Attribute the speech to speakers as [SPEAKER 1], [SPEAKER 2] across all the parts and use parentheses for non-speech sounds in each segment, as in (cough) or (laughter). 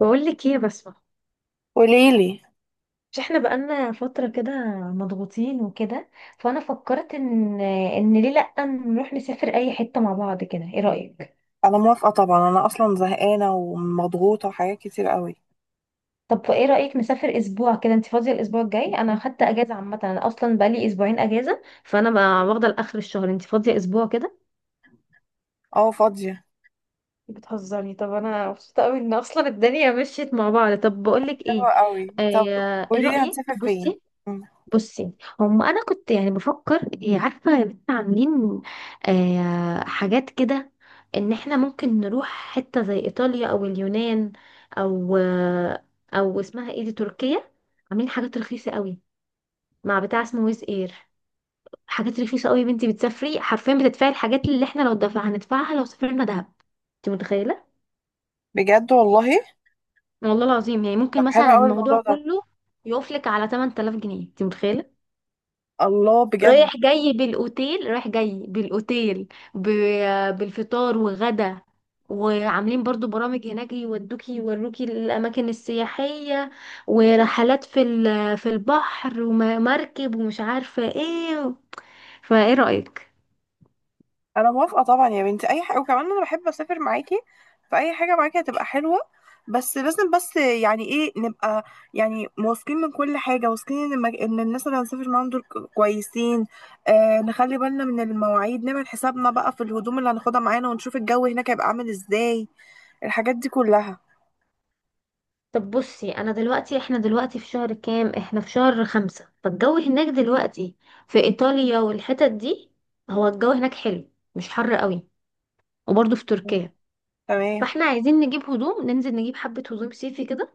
[SPEAKER 1] بقول لك ايه يا بسمة؟
[SPEAKER 2] قوليلي.
[SPEAKER 1] مش احنا بقالنا فترة كده مضغوطين وكده، فانا فكرت ان ان ليه لأ نروح نسافر اي حتة مع بعض كده؟ ايه رأيك؟
[SPEAKER 2] انا موافقه طبعا، انا اصلا زهقانه ومضغوطه وحاجات كتير قوي.
[SPEAKER 1] طب ايه رأيك نسافر اسبوع كده؟ انت فاضية الاسبوع الجاي؟ انا خدت اجازة عامة، انا اصلا بقالي اسبوعين اجازة فانا بقى واخدة لاخر الشهر. انت فاضية اسبوع كده؟
[SPEAKER 2] اه، فاضيه.
[SPEAKER 1] بتهزرني؟ طب انا مبسوطة قوي ان اصلا الدنيا مشيت مع بعض. طب بقول لك
[SPEAKER 2] حلوه
[SPEAKER 1] ايه،
[SPEAKER 2] قوي. طب،
[SPEAKER 1] ايه
[SPEAKER 2] قوليلي،
[SPEAKER 1] رأيك؟
[SPEAKER 2] هنسافر فين؟
[SPEAKER 1] بصي.
[SPEAKER 2] مم.
[SPEAKER 1] بصي، انا كنت يعني بفكر عارفه يا بنت؟ عاملين، حاجات كده، ان احنا ممكن نروح حته زي ايطاليا او اليونان او او اسمها ايه دي، تركيا. عاملين حاجات رخيصه قوي مع بتاع اسمه ويز اير. حاجات رخيصه قوي يا بنتي، بتسافري حرفيا بتدفعي الحاجات اللي احنا لو دفع هندفعها لو سافرنا دهب. انت متخيله؟
[SPEAKER 2] بجد والله؟
[SPEAKER 1] والله العظيم، يعني
[SPEAKER 2] طب
[SPEAKER 1] ممكن
[SPEAKER 2] حلو
[SPEAKER 1] مثلا
[SPEAKER 2] قوي
[SPEAKER 1] الموضوع
[SPEAKER 2] الموضوع ده.
[SPEAKER 1] كله يقفلك على 8000 جنيه. انت متخيله؟
[SPEAKER 2] الله، بجد؟
[SPEAKER 1] رايح جاي بالاوتيل، رايح جاي بالاوتيل ب... بالفطار وغدا. وعاملين برضو برامج هناك يودوكي يوروكي الاماكن السياحيه، ورحلات في البحر ومركب ومش عارفه ايه. فايه رايك؟
[SPEAKER 2] انا موافقه طبعا يا بنتي، اي حاجه. وكمان انا بحب اسافر معاكي، فاي حاجه معاكي هتبقى حلوه. بس لازم، بس يعني ايه، نبقى يعني واثقين من كل حاجه، واثقين ان ان الناس اللي هنسافر معاهم دول كويسين. آه، نخلي بالنا من المواعيد، نعمل حسابنا بقى في الهدوم اللي هناخدها معانا، ونشوف الجو هناك هيبقى عامل ازاي. الحاجات دي كلها.
[SPEAKER 1] طب بصي، انا دلوقتي احنا دلوقتي في شهر كام؟ احنا في شهر خمسة، فالجو هناك دلوقتي في ايطاليا والحتت دي، هو الجو هناك حلو مش حر قوي، وبرضو في
[SPEAKER 2] مم.
[SPEAKER 1] تركيا.
[SPEAKER 2] تمام.
[SPEAKER 1] فاحنا عايزين نجيب هدوم، ننزل نجيب حبة هدوم صيفي كده.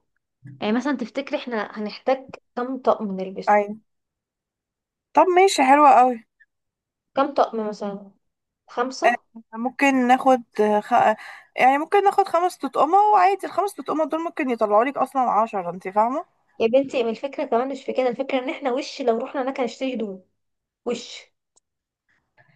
[SPEAKER 1] يعني مثلا تفتكري احنا هنحتاج كام طقم نلبسه؟
[SPEAKER 2] ايوه. طب ماشي، حلوة قوي.
[SPEAKER 1] كام طقم مثلا؟
[SPEAKER 2] آه،
[SPEAKER 1] خمسة؟
[SPEAKER 2] ممكن ناخد يعني ممكن ناخد خمس تطقمة. وعادي الخمس تطقمة دول ممكن يطلعوا لك اصلا 10. انت فاهمة؟
[SPEAKER 1] يا بنتي، ما الفكرة كمان مش في كده. الفكرة ان احنا وش لو رحنا هناك هنشتري هدوم، وش،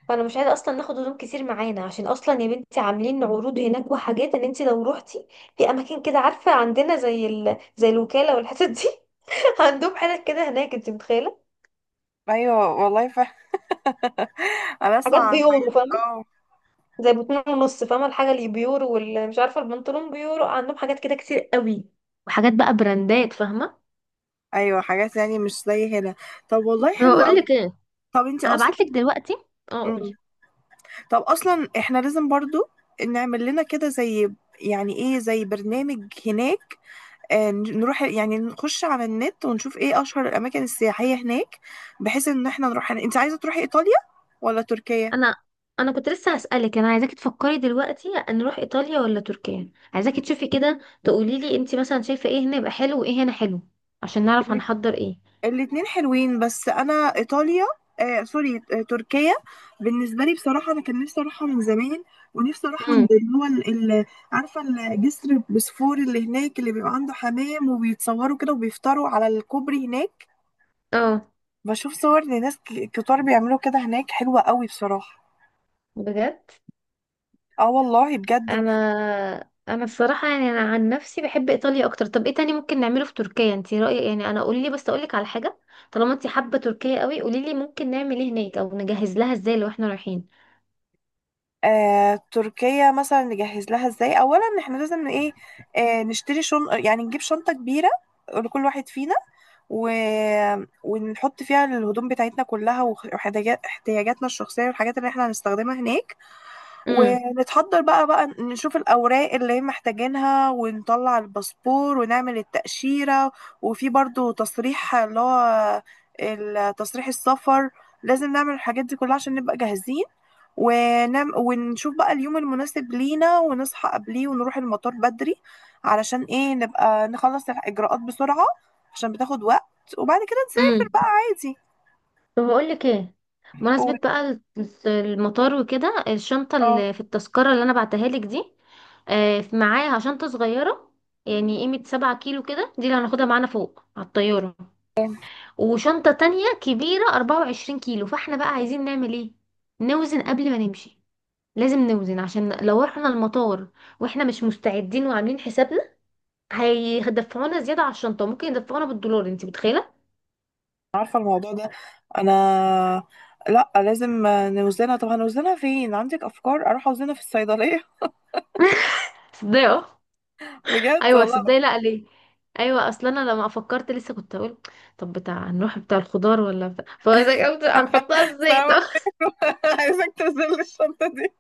[SPEAKER 1] فانا مش عايزة اصلا ناخد هدوم كتير معانا، عشان اصلا يا بنتي عاملين عروض هناك وحاجات ان انت لو روحتي في اماكن كده، عارفة، عندنا زي الوكالة والحتت دي، (laughs) عندهم حاجات كده هناك. انت متخيلة؟
[SPEAKER 2] ايوه والله، (laughs) انا اسمع
[SPEAKER 1] حاجات
[SPEAKER 2] عن حاجات،
[SPEAKER 1] بيورو،
[SPEAKER 2] اه.
[SPEAKER 1] زي باتنين ونص، فاهمة الحاجة اللي بيورو؟ واللي مش عارفة البنطلون بيورو. عندهم حاجات كده كتير قوي، وحاجات بقى براندات، فاهمة؟
[SPEAKER 2] ايوه، حاجات يعني مش زي هنا. طب والله حلو
[SPEAKER 1] هقول
[SPEAKER 2] قوي.
[SPEAKER 1] لك ايه،
[SPEAKER 2] طب انت اصلا...
[SPEAKER 1] هبعت لك دلوقتي. اه قولي.
[SPEAKER 2] مم. طب اصلا احنا لازم برضو نعمل لنا كده زي، يعني ايه، زي برنامج هناك. نروح يعني نخش على النت ونشوف ايه اشهر الاماكن السياحية هناك، بحيث ان احنا نروح هناك. انت عايزة تروحي ايطاليا ولا تركيا؟
[SPEAKER 1] انا انا كنت لسه هسألك، انا عايزاكي تفكري دلوقتي نروح ايطاليا ولا تركيا. عايزاكي تشوفي كده تقولي لي انت مثلا شايفة ايه هنا يبقى حلو وايه هنا حلو، عشان نعرف هنحضر ايه.
[SPEAKER 2] الاتنين حلوين، بس انا ايطاليا، سوري، تركيا. بالنسبه لي بصراحه انا كان نفسي اروحها من زمان. ونفسي اروح عند
[SPEAKER 1] امم،
[SPEAKER 2] اللي هو عارفه، الجسر بسفور اللي هناك، اللي بيبقى عنده حمام وبيتصوروا كده وبيفطروا على الكوبري هناك.
[SPEAKER 1] اه
[SPEAKER 2] بشوف صور لناس كتار بيعملوا كده هناك، حلوه قوي بصراحه.
[SPEAKER 1] بجد،
[SPEAKER 2] اه والله بجد.
[SPEAKER 1] انا الصراحه يعني انا عن نفسي بحب ايطاليا اكتر. طب ايه تاني ممكن نعمله في تركيا انت رايك؟ يعني انا قولي لي بس، اقول لك على حاجه، طالما انت حابه تركيا قوي، قولي لي ممكن نعمل ايه هناك او نجهز لها ازاي لو احنا رايحين.
[SPEAKER 2] آه، تركيا مثلا نجهز لها ازاي؟ اولا احنا لازم ايه؟ آه، نشتري شن يعني نجيب شنطه كبيره لكل واحد فينا، و... ونحط فيها الهدوم بتاعتنا كلها واحتياجاتنا الشخصية والحاجات اللي احنا هنستخدمها هناك.
[SPEAKER 1] امم.
[SPEAKER 2] ونتحضر بقى. نشوف الأوراق اللي هي محتاجينها، ونطلع الباسبور ونعمل التأشيرة. وفي برضو تصريح اللي هو تصريح السفر. لازم نعمل الحاجات دي كلها عشان نبقى جاهزين. ونعم، ونشوف بقى اليوم المناسب لينا، ونصحى قبليه ونروح المطار بدري. علشان ايه؟ نبقى نخلص الإجراءات بسرعة، عشان بتاخد وقت. وبعد كده نسافر
[SPEAKER 1] امم.
[SPEAKER 2] بقى عادي.
[SPEAKER 1] طب اقول لك ايه، بمناسبه
[SPEAKER 2] قول.
[SPEAKER 1] بقى المطار وكده، الشنطه
[SPEAKER 2] اه،
[SPEAKER 1] اللي في التذكره اللي انا بعتها لك دي، معاها شنطه صغيره يعني قيمه 7 كيلو كده، دي اللي هناخدها معانا فوق على الطياره، وشنطة تانية كبيرة 24 كيلو. فاحنا بقى عايزين نعمل ايه؟ نوزن قبل ما نمشي، لازم نوزن، عشان لو رحنا المطار واحنا مش مستعدين وعاملين حسابنا هيدفعونا زيادة على الشنطة، ممكن يدفعونا بالدولار. انت متخيلة؟
[SPEAKER 2] عارفة الموضوع ده. أنا... لأ، لازم نوزنها. طب هنوزنها فين؟ عندك أفكار؟ أروح أوزنها في الصيدلية؟
[SPEAKER 1] (laughs) صدقي اه.
[SPEAKER 2] (laughs) بجد
[SPEAKER 1] ايوه
[SPEAKER 2] والله.
[SPEAKER 1] صدقي، لا ليه؟ ايوه، اصلا انا لما فكرت لسه كنت اقول، طب بتاع، نروح بتاع الخضار ولا بتاع، فازاي هنحطها ازاي
[SPEAKER 2] سوا.
[SPEAKER 1] طب؟
[SPEAKER 2] عايزك توزن (laughs) لي الشنطة دي.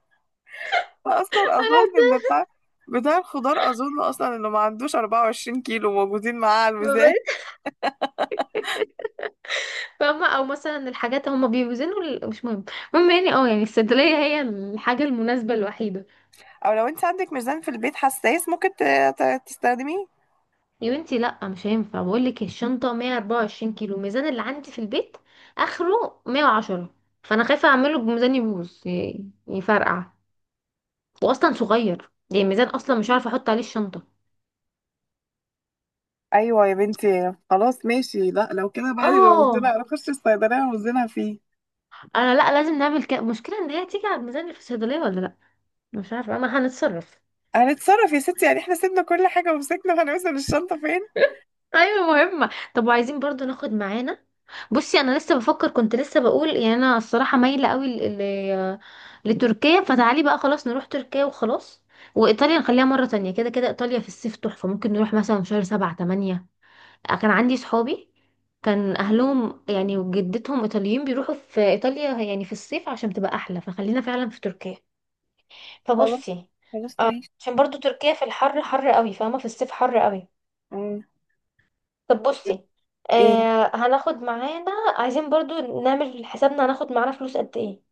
[SPEAKER 2] أصلا أظن إن بتاع بتاع الخضار، أظن أصلا إنه ما عندوش 24 كيلو موجودين معاه على الميزان.
[SPEAKER 1] (laughs) فاهمة؟ او مثلا الحاجات هم بيوزنوا مش مهم. المهم يعني اه، يعني الصيدلية هي الحاجة المناسبة الوحيدة.
[SPEAKER 2] أو لو أنت عندك ميزان في البيت حساس ممكن تستخدميه.
[SPEAKER 1] يا بنتي لا مش هينفع، بقول لك الشنطة 124 كيلو، الميزان اللي عندي في البيت اخره 110، فانا خايفة اعمله بميزان يبوظ يفرقع، واصلا صغير يعني الميزان، اصلا مش عارفة احط عليه الشنطة.
[SPEAKER 2] أيوة يا بنتي، خلاص ماشي. لأ لو كده بقى، لو
[SPEAKER 1] اه
[SPEAKER 2] وزنها نخش الصيدلية ونوزنها فيه.
[SPEAKER 1] انا لا لازم نعمل كده، المشكلة ان هي تيجي على الميزان اللي في الصيدلية ولا لا، مش عارفة، اما هنتصرف.
[SPEAKER 2] هنتصرف يا ستي. يعني احنا سيبنا كل حاجة ومسكنا هنوزن الشنطة فين.
[SPEAKER 1] ايوه مهمة. طب وعايزين برضو ناخد معانا، بصي انا لسه بفكر كنت لسه بقول، يعني انا الصراحه مايله قوي لتركيا، فتعالي بقى خلاص نروح تركيا وخلاص، وايطاليا نخليها مره تانية. كده كده ايطاليا في الصيف تحفه، ممكن نروح مثلا شهر 7 8. كان عندي صحابي كان اهلهم يعني وجدتهم ايطاليين بيروحوا في ايطاليا يعني في الصيف عشان تبقى احلى، فخلينا فعلا في تركيا.
[SPEAKER 2] خلاص
[SPEAKER 1] فبصي،
[SPEAKER 2] خلاص ماشي.
[SPEAKER 1] عشان برضو تركيا في الحر حر قوي، فاهمه، في الصيف حر قوي.
[SPEAKER 2] آه.
[SPEAKER 1] طب بصي،
[SPEAKER 2] ايه؟
[SPEAKER 1] هناخد معانا، عايزين برضو نعمل حسابنا هناخد معانا فلوس قد ايه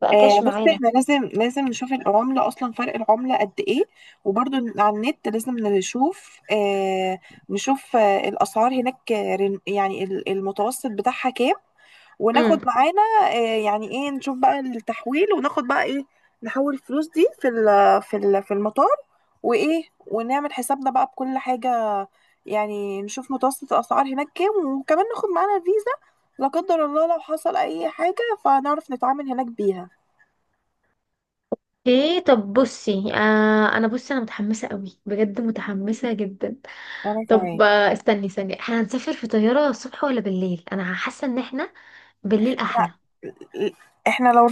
[SPEAKER 1] بقى
[SPEAKER 2] آه،
[SPEAKER 1] كاش
[SPEAKER 2] بص،
[SPEAKER 1] معانا.
[SPEAKER 2] احنا لازم، نشوف العملة اصلا، فرق العملة قد ايه. وبرضو على النت لازم نشوف، نشوف الاسعار هناك. يعني المتوسط بتاعها كام، وناخد
[SPEAKER 1] امم.
[SPEAKER 2] معانا، آه، يعني ايه، نشوف بقى التحويل وناخد بقى ايه. نحول الفلوس دي في في المطار. وايه، ونعمل حسابنا بقى بكل حاجة. يعني نشوف متوسط الاسعار هناك كام، وكمان ناخد معانا فيزا لا قدر الله لو حصل اي حاجة، فنعرف نتعامل هناك بيها.
[SPEAKER 1] ايه طب بصي، انا متحمسه قوي، بجد متحمسه جدا.
[SPEAKER 2] انا
[SPEAKER 1] طب
[SPEAKER 2] كمان.
[SPEAKER 1] استني، احنا هنسافر في طياره الصبح ولا بالليل؟ انا حاسه ان احنا بالليل
[SPEAKER 2] لا
[SPEAKER 1] احلى.
[SPEAKER 2] احنا لو...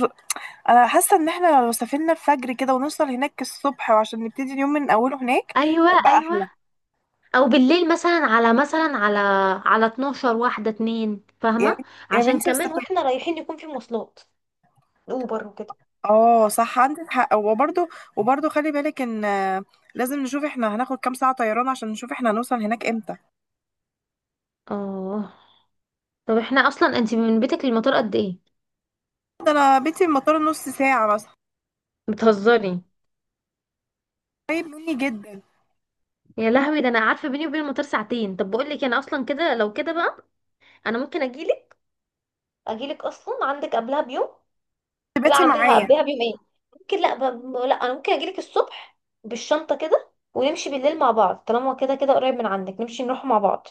[SPEAKER 2] انا حاسه ان احنا لو سافرنا الفجر كده، ونوصل هناك الصبح، وعشان نبتدي اليوم من اوله هناك،
[SPEAKER 1] ايوه
[SPEAKER 2] يبقى
[SPEAKER 1] ايوه،
[SPEAKER 2] احلى.
[SPEAKER 1] او بالليل مثلا على، مثلا على 12 واحده اتنين،
[SPEAKER 2] يا
[SPEAKER 1] فاهمه؟
[SPEAKER 2] بنت- يا
[SPEAKER 1] عشان
[SPEAKER 2] بنتي بس.
[SPEAKER 1] كمان واحنا رايحين يكون في مواصلات، اوبر وكده.
[SPEAKER 2] اه صح، عندك حق. وبرضه خلي بالك ان، لازم نشوف احنا هناخد كام ساعة طيران، عشان نشوف احنا هنوصل هناك امتى.
[SPEAKER 1] اه طب احنا اصلا انت من بيتك للمطار قد ايه؟
[SPEAKER 2] ده انا بيتي من المطار نص ساعة مثلا.
[SPEAKER 1] بتهزري؟
[SPEAKER 2] قريب مني جدا.
[SPEAKER 1] يا لهوي، ده انا عارفه بيني وبين المطار ساعتين. طب بقول لك انا اصلا كده، لو كده بقى انا ممكن اجيلك، اجيلك اصلا عندك قبلها بيوم. لا
[SPEAKER 2] بيتي
[SPEAKER 1] عندها
[SPEAKER 2] معايا.
[SPEAKER 1] قبلها بيوم ايه، ممكن لا لا، انا ممكن اجيلك الصبح بالشنطه كده، ونمشي بالليل مع بعض، طالما كده كده قريب من عندك نمشي نروح مع بعض.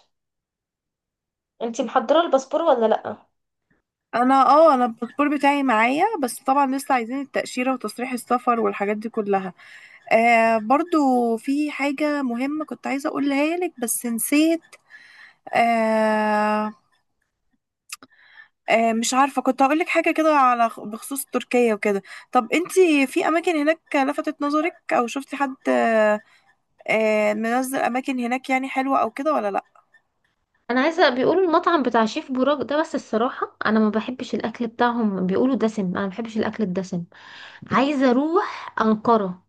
[SPEAKER 1] انتي محضره الباسبور ولا لا؟
[SPEAKER 2] انا، الباسبور بتاعي معايا. بس طبعا لسه عايزين التأشيرة وتصريح السفر والحاجات دي كلها. آه، برضو في حاجة مهمة كنت عايزة اقولها لك بس نسيت. آه، مش عارفة، كنت هقول لك حاجة كده على بخصوص تركيا وكده. طب انتي في أماكن هناك لفتت نظرك؟ أو شفتي حد، منزل أماكن هناك يعني حلوة أو كده ولا لأ؟
[SPEAKER 1] انا عايزه، بيقولوا المطعم بتاع شيف بوراك ده، بس الصراحه انا ما بحبش الاكل بتاعهم، بيقولوا دسم، انا ما بحبش الاكل الدسم. عايزه اروح انقره،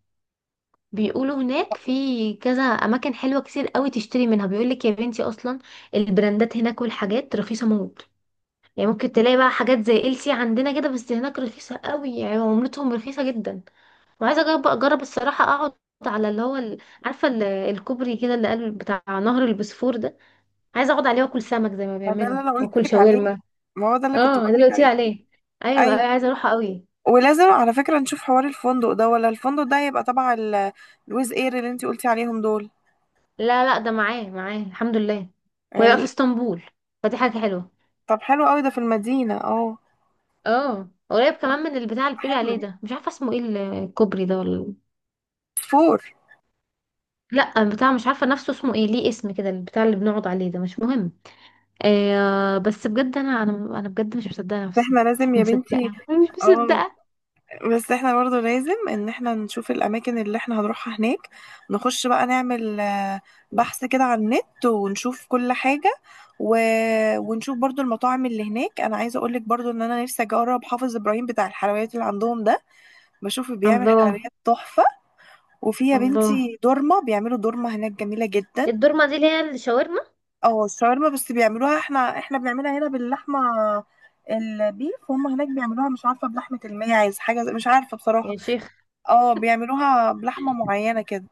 [SPEAKER 1] بيقولوا هناك في كذا اماكن حلوه كتير قوي تشتري منها، بيقولك يا بنتي اصلا البراندات هناك والحاجات رخيصه موت، يعني ممكن تلاقي بقى حاجات زي ال سي عندنا كده بس هناك رخيصة قوي، يعني عملتهم رخيصة جدا. وعايزة اجرب، اجرب الصراحة، اقعد على اللي هو عارفة الكوبري كده اللي قال بتاع نهر البوسفور ده، عايزة اقعد عليه واكل سمك زي ما
[SPEAKER 2] ما ده
[SPEAKER 1] بيعملوا
[SPEAKER 2] اللي أنا قلت
[SPEAKER 1] واكل
[SPEAKER 2] لك عليه.
[SPEAKER 1] شاورما.
[SPEAKER 2] ما هو ده اللي كنت
[SPEAKER 1] اه ده
[SPEAKER 2] بقول
[SPEAKER 1] اللي
[SPEAKER 2] لك
[SPEAKER 1] قلت لي
[SPEAKER 2] عليه.
[SPEAKER 1] عليه، ايوه
[SPEAKER 2] أيوة.
[SPEAKER 1] ايوه عايزة اروحه قوي.
[SPEAKER 2] ولازم على فكرة نشوف حوار الفندق ده، ولا الفندق ده هيبقى تبع الويز اير اللي انتي قلتي عليهم دول.
[SPEAKER 1] لا لا، ده معاه الحمد لله، وهيبقى في
[SPEAKER 2] ال-...
[SPEAKER 1] اسطنبول، فدي حاجة حلوة.
[SPEAKER 2] طب حلو قوي ده في المدينة، اه.
[SPEAKER 1] اه قريب كمان من البتاع اللي بتقولي
[SPEAKER 2] حلو.
[SPEAKER 1] عليه ده، مش عارفة اسمه ايه، الكوبري ده ولا؟
[SPEAKER 2] فور.
[SPEAKER 1] لا البتاع مش عارفه نفسه اسمه ايه، ليه اسم كده البتاع اللي بنقعد عليه ده، مش مهم. آه بس بجد، انا بجد مش مصدقه نفسي،
[SPEAKER 2] احنا
[SPEAKER 1] مش
[SPEAKER 2] لازم يا
[SPEAKER 1] مصدقه.
[SPEAKER 2] بنتي.
[SPEAKER 1] أنا مش
[SPEAKER 2] اه،
[SPEAKER 1] مصدقه.
[SPEAKER 2] بس احنا برضه لازم ان احنا نشوف الاماكن اللي احنا هنروحها هناك. نخش بقى نعمل، بحث كده على النت ونشوف كل حاجة. و... ونشوف برضه المطاعم اللي هناك. انا عايزة اقولك برضه ان انا نفسي اجرب حافظ ابراهيم بتاع الحلويات اللي عندهم ده، بشوف بيعمل
[SPEAKER 1] الله.
[SPEAKER 2] حلويات تحفة. وفي يا
[SPEAKER 1] الله.
[SPEAKER 2] بنتي دورمة، بيعملوا دورمة هناك جميلة جدا.
[SPEAKER 1] الدورمه دي اللي هي الشاورما؟
[SPEAKER 2] اه، الشاورما. بس بيعملوها، احنا بنعملها هنا باللحمة البيف، وهم هناك بيعملوها مش عارفة بلحمة الماعز، حاجة مش عارفة بصراحة.
[SPEAKER 1] يا شيخ.
[SPEAKER 2] اه، بيعملوها بلحمة معينة كده.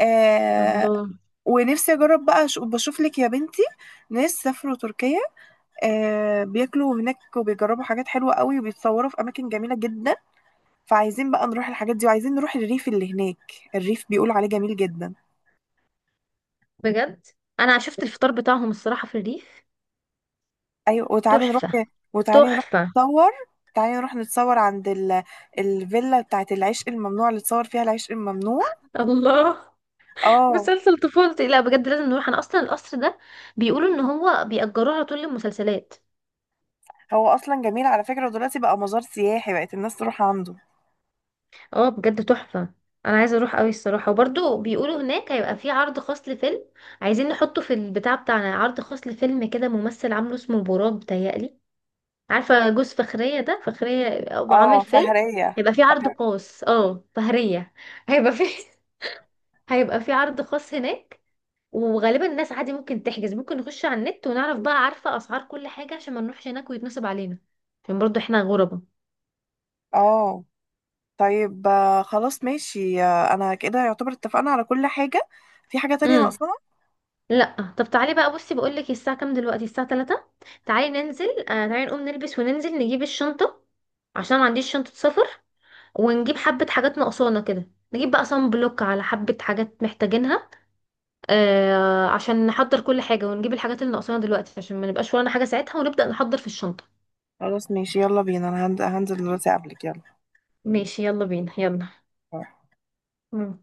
[SPEAKER 2] آه،
[SPEAKER 1] الله.
[SPEAKER 2] ونفسي اجرب بقى. بشوف لك يا بنتي ناس سافروا تركيا، آه، بياكلوا هناك وبيجربوا حاجات حلوة قوي، وبيتصوروا في اماكن جميلة جدا. فعايزين بقى نروح الحاجات دي. وعايزين نروح الريف اللي هناك، الريف بيقول عليه جميل جدا.
[SPEAKER 1] بجد، انا شفت الفطار بتاعهم الصراحه في الريف،
[SPEAKER 2] ايوه، وتعالي نروح.
[SPEAKER 1] تحفه.
[SPEAKER 2] وتعالي نروح.
[SPEAKER 1] تحفه.
[SPEAKER 2] نتصور. تعالي نروح نتصور عند الفيلا بتاعت العشق الممنوع، اللي اتصور فيها العشق الممنوع.
[SPEAKER 1] الله.
[SPEAKER 2] اه،
[SPEAKER 1] مسلسل طفولتي، لا بجد لازم نروح، انا اصلا القصر ده بيقولوا ان هو بيأجروه على طول للمسلسلات.
[SPEAKER 2] هو اصلا جميل على فكرة، ودلوقتي بقى مزار سياحي، بقت الناس تروح عنده.
[SPEAKER 1] اه بجد تحفة. انا عايزة اروح قوي الصراحة. وبرضو بيقولوا هناك هيبقى في عرض خاص لفيلم، عايزين نحطه في البتاع بتاعنا، عرض خاص لفيلم كده، ممثل عامله، اسمه براك بتهيألي، عارفة جوز فخرية ده؟ فخرية، أو عامل
[SPEAKER 2] اه،
[SPEAKER 1] فيلم،
[SPEAKER 2] شهرية.
[SPEAKER 1] هيبقى في عرض خاص. اه فهرية، هيبقى في (laughs) هيبقى في عرض خاص هناك، وغالبا الناس عادي ممكن تحجز، ممكن نخش على النت ونعرف بقى، عارفة اسعار كل حاجة، عشان ما نروحش هناك ويتنصب علينا، عشان برضو احنا غربة.
[SPEAKER 2] اه طيب، خلاص ماشي. انا كده يعتبر اتفقنا على كل حاجة. في حاجة تانية ناقصاها؟
[SPEAKER 1] لا طب تعالي بقى بصي بقولك، الساعة كام دلوقتي؟ الساعة 3، تعالي ننزل، تعالي نقوم نلبس وننزل نجيب الشنطة، عشان ما عنديش شنطة سفر، ونجيب حبة حاجات ناقصانا كده، نجيب بقى صن بلوك، على حبة حاجات محتاجينها، عشان نحضر كل حاجة ونجيب الحاجات اللي ناقصانا دلوقتي عشان ما نبقاش ورانا حاجة ساعتها، ونبدأ نحضر في الشنطة.
[SPEAKER 2] خلاص ماشي، يلا بينا، انا هنزل دلوقتي قبلك، يلا.
[SPEAKER 1] ماشي يلا بينا، يلا. مم.